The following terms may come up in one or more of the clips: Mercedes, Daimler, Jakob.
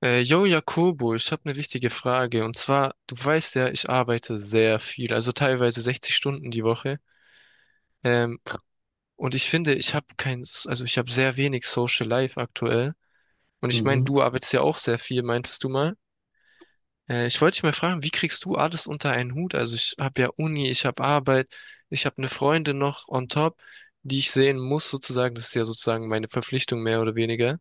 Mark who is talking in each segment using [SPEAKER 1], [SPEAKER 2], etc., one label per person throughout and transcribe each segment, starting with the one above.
[SPEAKER 1] Yo, Jakobo, ich habe eine wichtige Frage. Und zwar, du weißt ja, ich arbeite sehr viel, also teilweise 60 Stunden die Woche. Ähm, und ich finde, ich habe kein, also ich habe sehr wenig Social Life aktuell. Und ich meine,
[SPEAKER 2] Mhm.
[SPEAKER 1] du arbeitest ja auch sehr viel, meintest du mal. Ich wollte dich mal fragen, wie kriegst du alles unter einen Hut? Also ich habe ja Uni, ich habe Arbeit, ich habe eine Freundin noch on top, die ich sehen muss sozusagen. Das ist ja sozusagen meine Verpflichtung mehr oder weniger.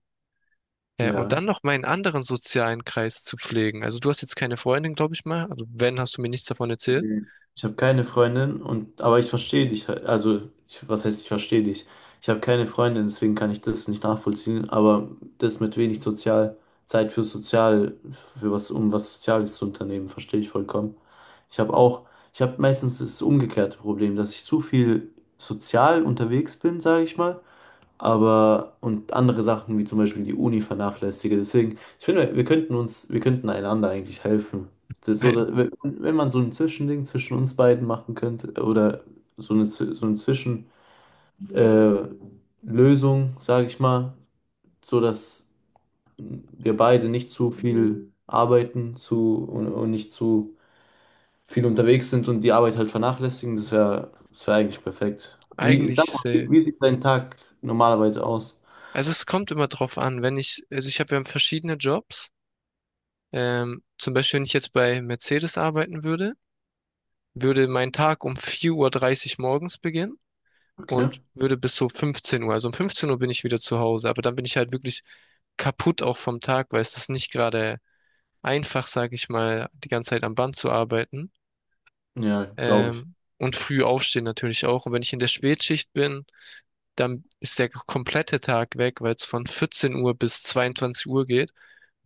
[SPEAKER 1] Ja, und
[SPEAKER 2] Ja.
[SPEAKER 1] dann noch meinen anderen sozialen Kreis zu pflegen. Also du hast jetzt keine Freundin, glaube ich mal. Also wenn, hast du mir nichts davon erzählt.
[SPEAKER 2] Mhm. Ich habe keine Freundin und aber ich verstehe dich. Also, ich, was heißt, ich verstehe dich? Ich habe keine Freundin, deswegen kann ich das nicht nachvollziehen, aber das mit wenig sozial Zeit für sozial für was um was Soziales zu unternehmen, verstehe ich vollkommen. Ich habe auch ich habe meistens das umgekehrte Problem, dass ich zu viel sozial unterwegs bin, sage ich mal, aber und andere Sachen wie zum Beispiel die Uni vernachlässige. Deswegen, ich finde, wir könnten uns, wir könnten einander eigentlich helfen. Das ist so,
[SPEAKER 1] Ei-
[SPEAKER 2] wenn wenn man so ein Zwischending zwischen uns beiden machen könnte oder so eine, so eine Zwischen, äh, Lösung, sage ich mal, so dass wir beide nicht zu viel arbeiten und nicht zu viel unterwegs sind und die Arbeit halt vernachlässigen, das wäre das wär eigentlich perfekt. Wie, sag mal,
[SPEAKER 1] Eigentlich,
[SPEAKER 2] wie, wie sieht dein Tag normalerweise aus?
[SPEAKER 1] also es kommt immer drauf an, wenn ich, also ich habe ja verschiedene Jobs. Zum Beispiel, wenn ich jetzt bei Mercedes arbeiten würde, würde mein Tag um 4:30 Uhr morgens beginnen
[SPEAKER 2] Okay.
[SPEAKER 1] und würde bis so 15 Uhr. Also um 15 Uhr bin ich wieder zu Hause, aber dann bin ich halt wirklich kaputt auch vom Tag, weil es ist nicht gerade einfach, sage ich mal, die ganze Zeit am Band zu arbeiten.
[SPEAKER 2] Ja, glaube ich.
[SPEAKER 1] Und früh aufstehen natürlich auch. Und wenn ich in der Spätschicht bin, dann ist der komplette Tag weg, weil es von 14 Uhr bis 22 Uhr geht.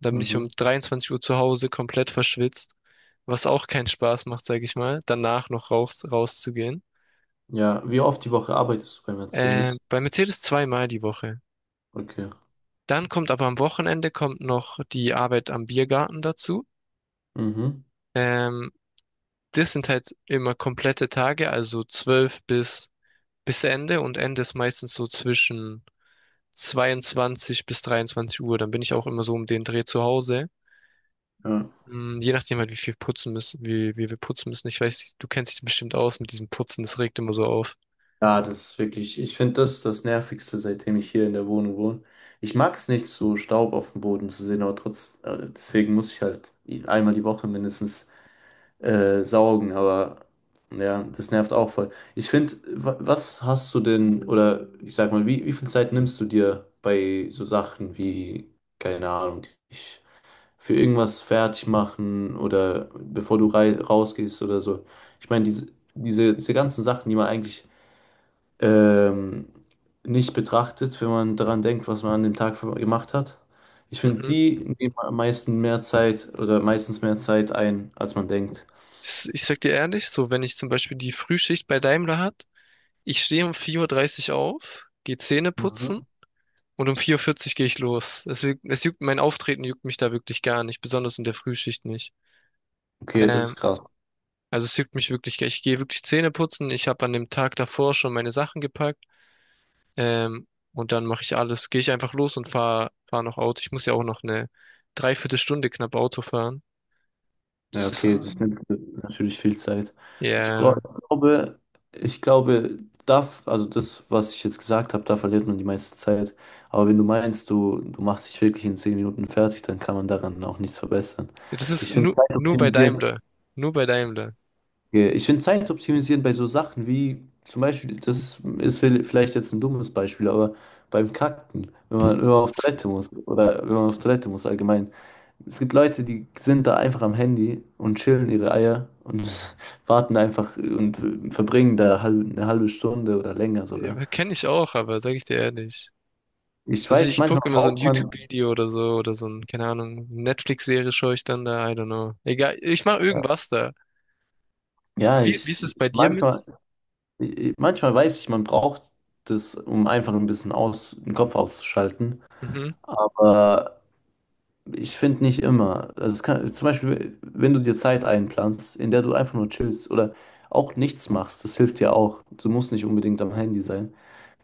[SPEAKER 1] Dann bin ich um
[SPEAKER 2] Mhm.
[SPEAKER 1] 23 Uhr zu Hause komplett verschwitzt, was auch keinen Spaß macht, sage ich mal, danach noch rauszugehen.
[SPEAKER 2] Ja, wie oft die Woche arbeitest du bei Mercedes?
[SPEAKER 1] Bei Mercedes zweimal die Woche.
[SPEAKER 2] Okay.
[SPEAKER 1] Dann kommt aber am Wochenende kommt noch die Arbeit am Biergarten dazu.
[SPEAKER 2] Mhm.
[SPEAKER 1] Ähm, das sind halt immer komplette Tage, also 12 bis Ende und Ende ist meistens so zwischen 22 bis 23 Uhr. Dann bin ich auch immer so um den Dreh zu Hause.
[SPEAKER 2] Ja.
[SPEAKER 1] Je nachdem halt, wie viel putzen müssen, wie wir putzen müssen. Ich weiß, du kennst dich bestimmt aus mit diesem Putzen, das regt immer so auf.
[SPEAKER 2] Ja, das ist wirklich, ich finde das ist das Nervigste, seitdem ich hier in der Wohnung wohne. Ich mag es nicht, so Staub auf dem Boden zu sehen, aber trotz, deswegen muss ich halt einmal die Woche mindestens saugen, aber ja, das nervt auch voll. Ich finde, was hast du denn, oder ich sag mal, wie, wie viel Zeit nimmst du dir bei so Sachen wie, keine Ahnung, ich. Für irgendwas fertig machen oder bevor du rausgehst oder so. Ich meine, diese ganzen Sachen, die man eigentlich ähm, nicht betrachtet, wenn man daran denkt, was man an dem Tag gemacht hat. Ich finde,
[SPEAKER 1] Mhm.
[SPEAKER 2] die nehmen am meisten mehr Zeit oder meistens mehr Zeit ein, als man denkt.
[SPEAKER 1] Ich sag dir ehrlich, so wenn ich zum Beispiel die Frühschicht bei Daimler hat, ich stehe um 4:30 Uhr dreißig auf, gehe Zähne putzen
[SPEAKER 2] Mhm.
[SPEAKER 1] und um 4:40 Uhr vierzig gehe ich los. Es juckt, mein Auftreten juckt mich da wirklich gar nicht, besonders in der Frühschicht nicht.
[SPEAKER 2] Okay, das
[SPEAKER 1] Ähm,
[SPEAKER 2] ist krass.
[SPEAKER 1] Also es juckt mich wirklich, ich gehe wirklich Zähne putzen. Ich habe an dem Tag davor schon meine Sachen gepackt. Ähm, und dann mache ich alles. Gehe ich einfach los und fahre fahr fahr noch Auto. Ich muss ja auch noch eine Dreiviertelstunde knapp Auto fahren.
[SPEAKER 2] Ja,
[SPEAKER 1] Das ist,
[SPEAKER 2] okay,
[SPEAKER 1] ja,
[SPEAKER 2] das nimmt natürlich viel Zeit. Ich brauche,
[SPEAKER 1] yeah.
[SPEAKER 2] ich glaube, ich glaube, darf, also das, was ich jetzt gesagt habe, da verliert man die meiste Zeit. Aber wenn du meinst, du machst dich wirklich in zehn Minuten fertig, dann kann man daran auch nichts verbessern.
[SPEAKER 1] Das ist
[SPEAKER 2] Ich finde
[SPEAKER 1] nur,
[SPEAKER 2] Zeit
[SPEAKER 1] nur bei
[SPEAKER 2] optimisieren,
[SPEAKER 1] Daimler. Nur bei Daimler.
[SPEAKER 2] Ich finde Zeit optimisieren bei so Sachen wie zum Beispiel, ist vielleicht jetzt ein dummes Beispiel, aber beim Kacken, wenn man auf Toilette muss oder wenn man auf Toilette muss allgemein. Es gibt Leute, die sind da einfach am Handy und chillen ihre Eier und warten einfach und verbringen da eine halbe Stunde oder länger sogar.
[SPEAKER 1] Ja, kenne ich auch, aber sage ich dir ehrlich.
[SPEAKER 2] Ich
[SPEAKER 1] Also
[SPEAKER 2] weiß,
[SPEAKER 1] ich
[SPEAKER 2] manchmal
[SPEAKER 1] gucke immer so ein
[SPEAKER 2] braucht man,
[SPEAKER 1] YouTube-Video oder so ein, keine Ahnung, Netflix-Serie schaue ich dann da, I don't know. Egal, ich mache
[SPEAKER 2] ja,
[SPEAKER 1] irgendwas da.
[SPEAKER 2] ja,
[SPEAKER 1] Wie ist
[SPEAKER 2] ich,
[SPEAKER 1] es bei dir mit?
[SPEAKER 2] manchmal, manchmal weiß ich, man braucht das, um einfach ein bisschen aus, den Kopf auszuschalten,
[SPEAKER 1] Mhm,
[SPEAKER 2] aber ich finde nicht immer. Also es kann, zum Beispiel, wenn du dir Zeit einplanst, in der du einfach nur chillst oder auch nichts machst, das hilft ja auch. Du musst nicht unbedingt am Handy sein.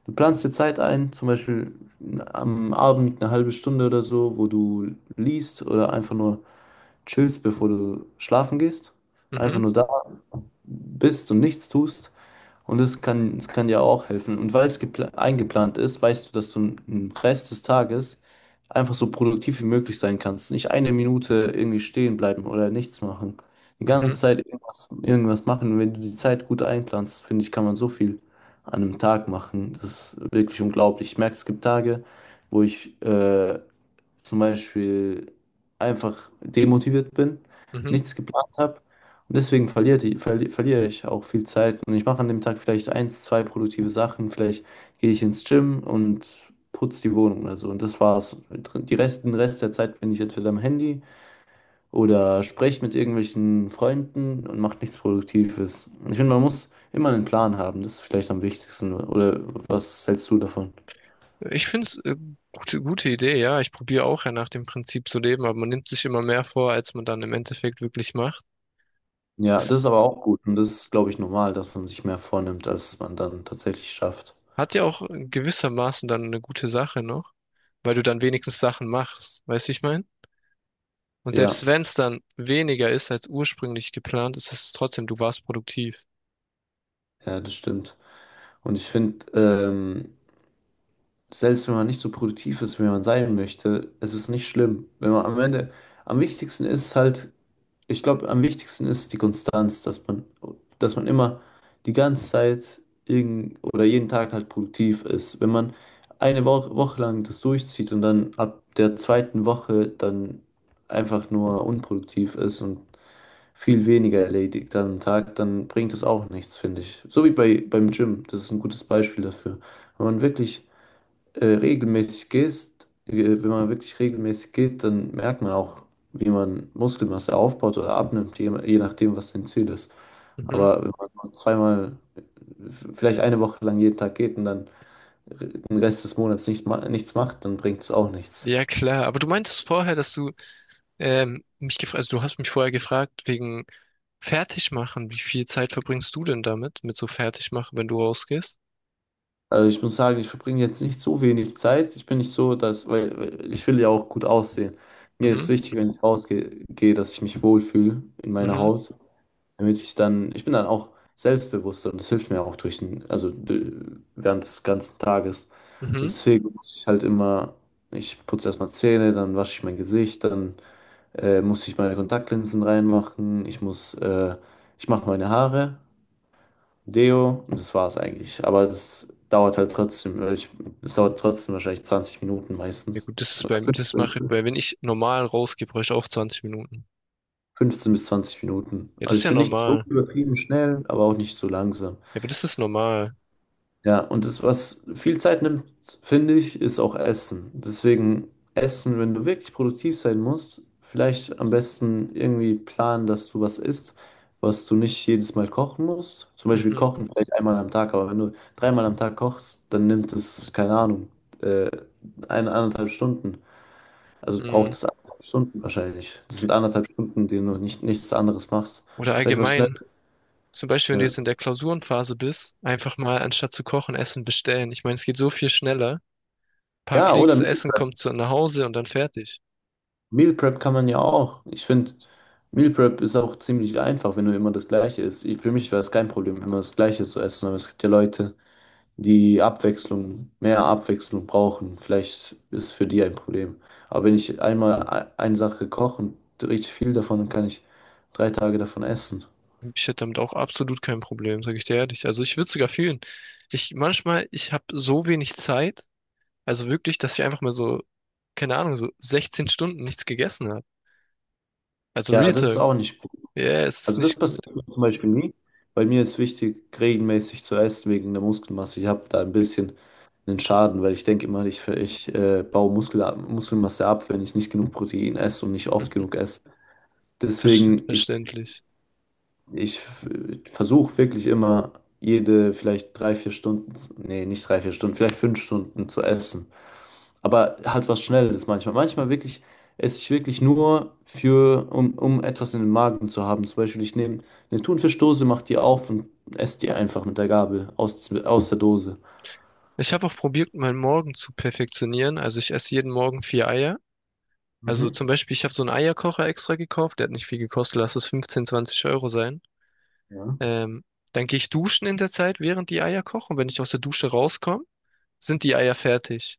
[SPEAKER 2] Du planst dir Zeit ein, zum Beispiel am Abend eine halbe Stunde oder so, wo du liest oder einfach nur chillst, bevor du schlafen gehst. Einfach
[SPEAKER 1] mhm,
[SPEAKER 2] nur da bist und nichts tust. Und es kann dir auch helfen. Und weil es eingeplant ist, weißt du, dass du im Rest des Tages einfach so produktiv wie möglich sein kannst. Nicht eine Minute irgendwie stehen bleiben oder nichts machen. Die
[SPEAKER 1] mhm,
[SPEAKER 2] ganze Zeit irgendwas machen. Und wenn du die Zeit gut einplanst, finde ich, kann man so viel an einem Tag machen. Das ist wirklich unglaublich. Ich merke, es gibt Tage, wo ich zum Beispiel einfach demotiviert bin,
[SPEAKER 1] mhm.
[SPEAKER 2] nichts geplant habe. Und deswegen verliere, die, verli verliere ich auch viel Zeit. Und ich mache an dem Tag vielleicht eins, zwei produktive Sachen. Vielleicht gehe ich ins Gym und putze die Wohnung oder so. Und das war's. Den Rest der Zeit bin ich entweder am Handy oder spreche mit irgendwelchen Freunden und mache nichts Produktives. Ich finde, man muss immer einen Plan haben. Das ist vielleicht am wichtigsten. Oder was hältst du davon?
[SPEAKER 1] Ich finde es gute Idee, ja. Ich probiere auch ja nach dem Prinzip zu leben, aber man nimmt sich immer mehr vor, als man dann im Endeffekt wirklich macht.
[SPEAKER 2] Ja, das ist
[SPEAKER 1] Es
[SPEAKER 2] aber auch gut und das ist, glaube ich, normal, dass man sich mehr vornimmt, als man dann tatsächlich schafft.
[SPEAKER 1] hat ja auch gewissermaßen dann eine gute Sache noch, weil du dann wenigstens Sachen machst, weißt du, wie ich meine? Und selbst
[SPEAKER 2] Ja,
[SPEAKER 1] wenn es dann weniger ist als ursprünglich geplant, ist es trotzdem, du warst produktiv.
[SPEAKER 2] ja, das stimmt. Und ich finde, selbst wenn man nicht so produktiv ist, wie man sein möchte, es ist nicht schlimm. Wenn man am Ende, am wichtigsten ist halt ich glaube, am wichtigsten ist die Konstanz, dass man immer die ganze Zeit irgend, oder jeden Tag halt produktiv ist. Wenn man eine Woche lang das durchzieht und dann ab der zweiten Woche dann einfach nur unproduktiv ist und viel weniger erledigt am Tag, dann bringt das auch nichts, finde ich. So wie bei, beim Gym, das ist ein gutes Beispiel dafür. Wenn man wirklich regelmäßig gehst, Wenn man wirklich regelmäßig geht, dann merkt man auch, wie man Muskelmasse aufbaut oder abnimmt, je, je nachdem, was dein Ziel ist.
[SPEAKER 1] Mhm.
[SPEAKER 2] Aber wenn man nur zweimal, vielleicht eine Woche lang jeden Tag geht und dann den Rest des Monats nichts, nichts macht, dann bringt es auch nichts.
[SPEAKER 1] Ja, klar. Aber du meintest vorher, dass du mich gefragt, also du hast mich vorher gefragt wegen Fertigmachen. Wie viel Zeit verbringst du denn damit, mit so Fertigmachen, wenn du rausgehst?
[SPEAKER 2] Also ich muss sagen, ich verbringe jetzt nicht so wenig Zeit. Ich bin nicht so, dass, weil weil ich will ja auch gut aussehen. Mir ist
[SPEAKER 1] Mhm.
[SPEAKER 2] wichtig, wenn ich gehe, dass ich mich wohlfühle in meiner
[SPEAKER 1] Mhm,
[SPEAKER 2] Haut. Damit ich dann, ich bin dann auch selbstbewusster und das hilft mir auch durch den, während des ganzen Tages.
[SPEAKER 1] mhm.
[SPEAKER 2] Deswegen muss ich halt immer, ich putze erstmal Zähne, dann wasche ich mein Gesicht, dann muss ich meine Kontaktlinsen reinmachen, ich mache meine Haare, Deo und das war's eigentlich. Aber das dauert halt trotzdem, weil ich, es dauert trotzdem wahrscheinlich 20 Minuten
[SPEAKER 1] Ja
[SPEAKER 2] meistens.
[SPEAKER 1] gut, das ist
[SPEAKER 2] Oder
[SPEAKER 1] beim, das mache ich bei, wenn ich normal rausgehe, brauche ich auch 20 Minuten.
[SPEAKER 2] 15 bis 20 Minuten.
[SPEAKER 1] Ja, das
[SPEAKER 2] Also
[SPEAKER 1] ist
[SPEAKER 2] ich
[SPEAKER 1] ja
[SPEAKER 2] bin nicht so
[SPEAKER 1] normal.
[SPEAKER 2] übertrieben schnell, aber auch nicht so langsam.
[SPEAKER 1] Ja, aber das ist normal.
[SPEAKER 2] Ja, und das, was viel Zeit nimmt, finde ich, ist auch Essen. Deswegen Essen, wenn du wirklich produktiv sein musst, vielleicht am besten irgendwie planen, dass du was isst, was du nicht jedes Mal kochen musst. Zum Beispiel
[SPEAKER 1] Mhm,
[SPEAKER 2] kochen vielleicht einmal am Tag, aber wenn du dreimal am Tag kochst, dann nimmt es, keine Ahnung, äh, eine, anderthalb Stunden. Also braucht
[SPEAKER 1] mhm.
[SPEAKER 2] es anderthalb Stunden wahrscheinlich. Das sind anderthalb Stunden, denen du nicht, nichts anderes machst.
[SPEAKER 1] Oder
[SPEAKER 2] Vielleicht was schnell.
[SPEAKER 1] allgemein, zum Beispiel, wenn du
[SPEAKER 2] Ja,
[SPEAKER 1] jetzt in der Klausurenphase bist, einfach mal anstatt zu kochen, Essen bestellen. Ich meine, es geht so viel schneller. Paar
[SPEAKER 2] ja
[SPEAKER 1] Klicks,
[SPEAKER 2] oder
[SPEAKER 1] Essen kommt zu, nach Hause und dann fertig.
[SPEAKER 2] Meal Prep kann man ja auch. Ich finde, Meal Prep ist auch ziemlich einfach, wenn du immer das Gleiche isst. Für mich war es kein Problem, immer das Gleiche zu essen, aber es gibt ja Leute, die mehr Abwechslung brauchen. Vielleicht ist es für die ein Problem. Aber wenn ich einmal eine Sache koche und richtig viel davon, dann kann ich drei Tage davon essen.
[SPEAKER 1] Ich hätte damit auch absolut kein Problem, sage ich dir ehrlich. Also ich würde sogar fühlen. Ich manchmal, ich habe so wenig Zeit, also wirklich, dass ich einfach mal so, keine Ahnung, so 16 Stunden nichts gegessen. Also
[SPEAKER 2] Ja,
[SPEAKER 1] Real
[SPEAKER 2] das ist
[SPEAKER 1] Talk.
[SPEAKER 2] auch nicht.
[SPEAKER 1] Ja, es ist
[SPEAKER 2] Also das
[SPEAKER 1] nicht gut.
[SPEAKER 2] passiert mir zum Beispiel nie. Bei mir ist wichtig, regelmäßig zu essen wegen der Muskelmasse. Ich habe da ein bisschen einen Schaden, weil ich denke immer, ich baue Muskelmasse ab, wenn ich nicht genug Protein esse und nicht oft genug esse.
[SPEAKER 1] Versch-
[SPEAKER 2] Deswegen,
[SPEAKER 1] Verständlich.
[SPEAKER 2] ich versuche wirklich immer jede vielleicht drei, vier Stunden, nee, nicht drei, vier Stunden, vielleicht fünf Stunden zu essen. Aber halt was Schnelles manchmal. Manchmal wirklich esse ich wirklich nur um etwas in den Magen zu haben. Zum Beispiel, ich nehme eine Thunfischdose, mache die auf und esse die einfach mit der Gabel aus der Dose.
[SPEAKER 1] Ich habe auch probiert, meinen Morgen zu perfektionieren. Also ich esse jeden Morgen vier Eier. Also
[SPEAKER 2] Mhm.
[SPEAKER 1] zum Beispiel, ich habe so einen Eierkocher extra gekauft. Der hat nicht viel gekostet. Lass es 15, 20 Euro sein.
[SPEAKER 2] Ja.
[SPEAKER 1] Ähm, dann gehe ich duschen in der Zeit, während die Eier kochen. Und wenn ich aus der Dusche rauskomme, sind die Eier fertig.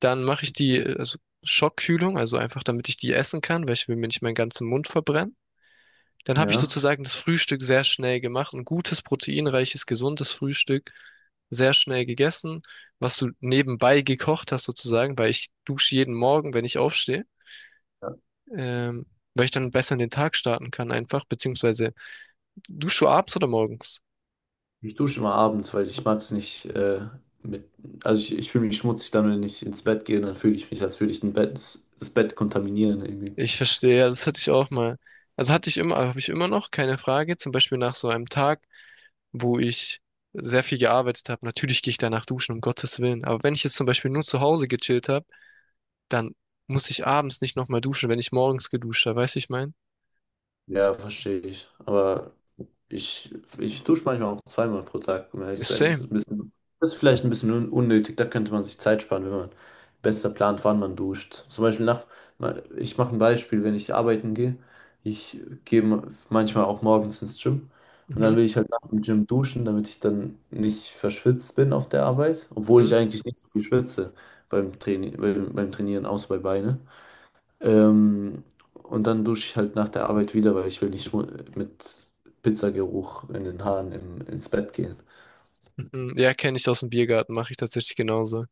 [SPEAKER 1] Dann mache ich die, also Schockkühlung, also einfach damit ich die essen kann, weil ich will mir nicht meinen ganzen Mund verbrennen. Dann habe ich
[SPEAKER 2] Ja.
[SPEAKER 1] sozusagen das Frühstück sehr schnell gemacht. Ein gutes, proteinreiches, gesundes Frühstück. Sehr schnell gegessen, was du nebenbei gekocht hast sozusagen, weil ich dusche jeden Morgen, wenn ich aufstehe, ähm, weil ich dann besser in den Tag starten kann einfach, beziehungsweise dusche du abends oder morgens?
[SPEAKER 2] Ich dusche immer abends, weil ich mag es nicht mit. Also ich fühle mich schmutzig dann, wenn ich ins Bett gehe, dann fühle ich mich, als würde ich das Bett kontaminieren irgendwie.
[SPEAKER 1] Ich verstehe, ja, das hatte ich auch mal. Also hatte ich immer, habe ich immer noch, keine Frage. Zum Beispiel nach so einem Tag, wo ich sehr viel gearbeitet habe. Natürlich gehe ich danach duschen, um Gottes Willen. Aber wenn ich jetzt zum Beispiel nur zu Hause gechillt habe, dann muss ich abends nicht nochmal duschen, wenn ich morgens geduscht habe. Weißt du, wie ich mein?
[SPEAKER 2] Ja, verstehe ich. Aber Ich, ich dusche manchmal auch zweimal pro Tag, um ehrlich zu sein.
[SPEAKER 1] Same.
[SPEAKER 2] Das ist vielleicht ein bisschen unnötig. Da könnte man sich Zeit sparen, wenn man besser plant, wann man duscht. Zum Beispiel nach, ich mache ein Beispiel, wenn ich arbeiten gehe. Ich gehe ma- manchmal auch morgens ins Gym und dann
[SPEAKER 1] Mhm,
[SPEAKER 2] will ich halt nach dem Gym duschen, damit ich dann nicht verschwitzt bin auf der Arbeit, obwohl
[SPEAKER 1] mhm,
[SPEAKER 2] ich eigentlich nicht so viel schwitze beim Training, beim Trainieren, außer bei Beine. Ähm, und dann dusche ich halt nach der Arbeit wieder, weil ich will nicht mit Pizzageruch in den ins Bett gehen.
[SPEAKER 1] mhm. Ja, kenne ich aus dem Biergarten, mache ich tatsächlich genauso.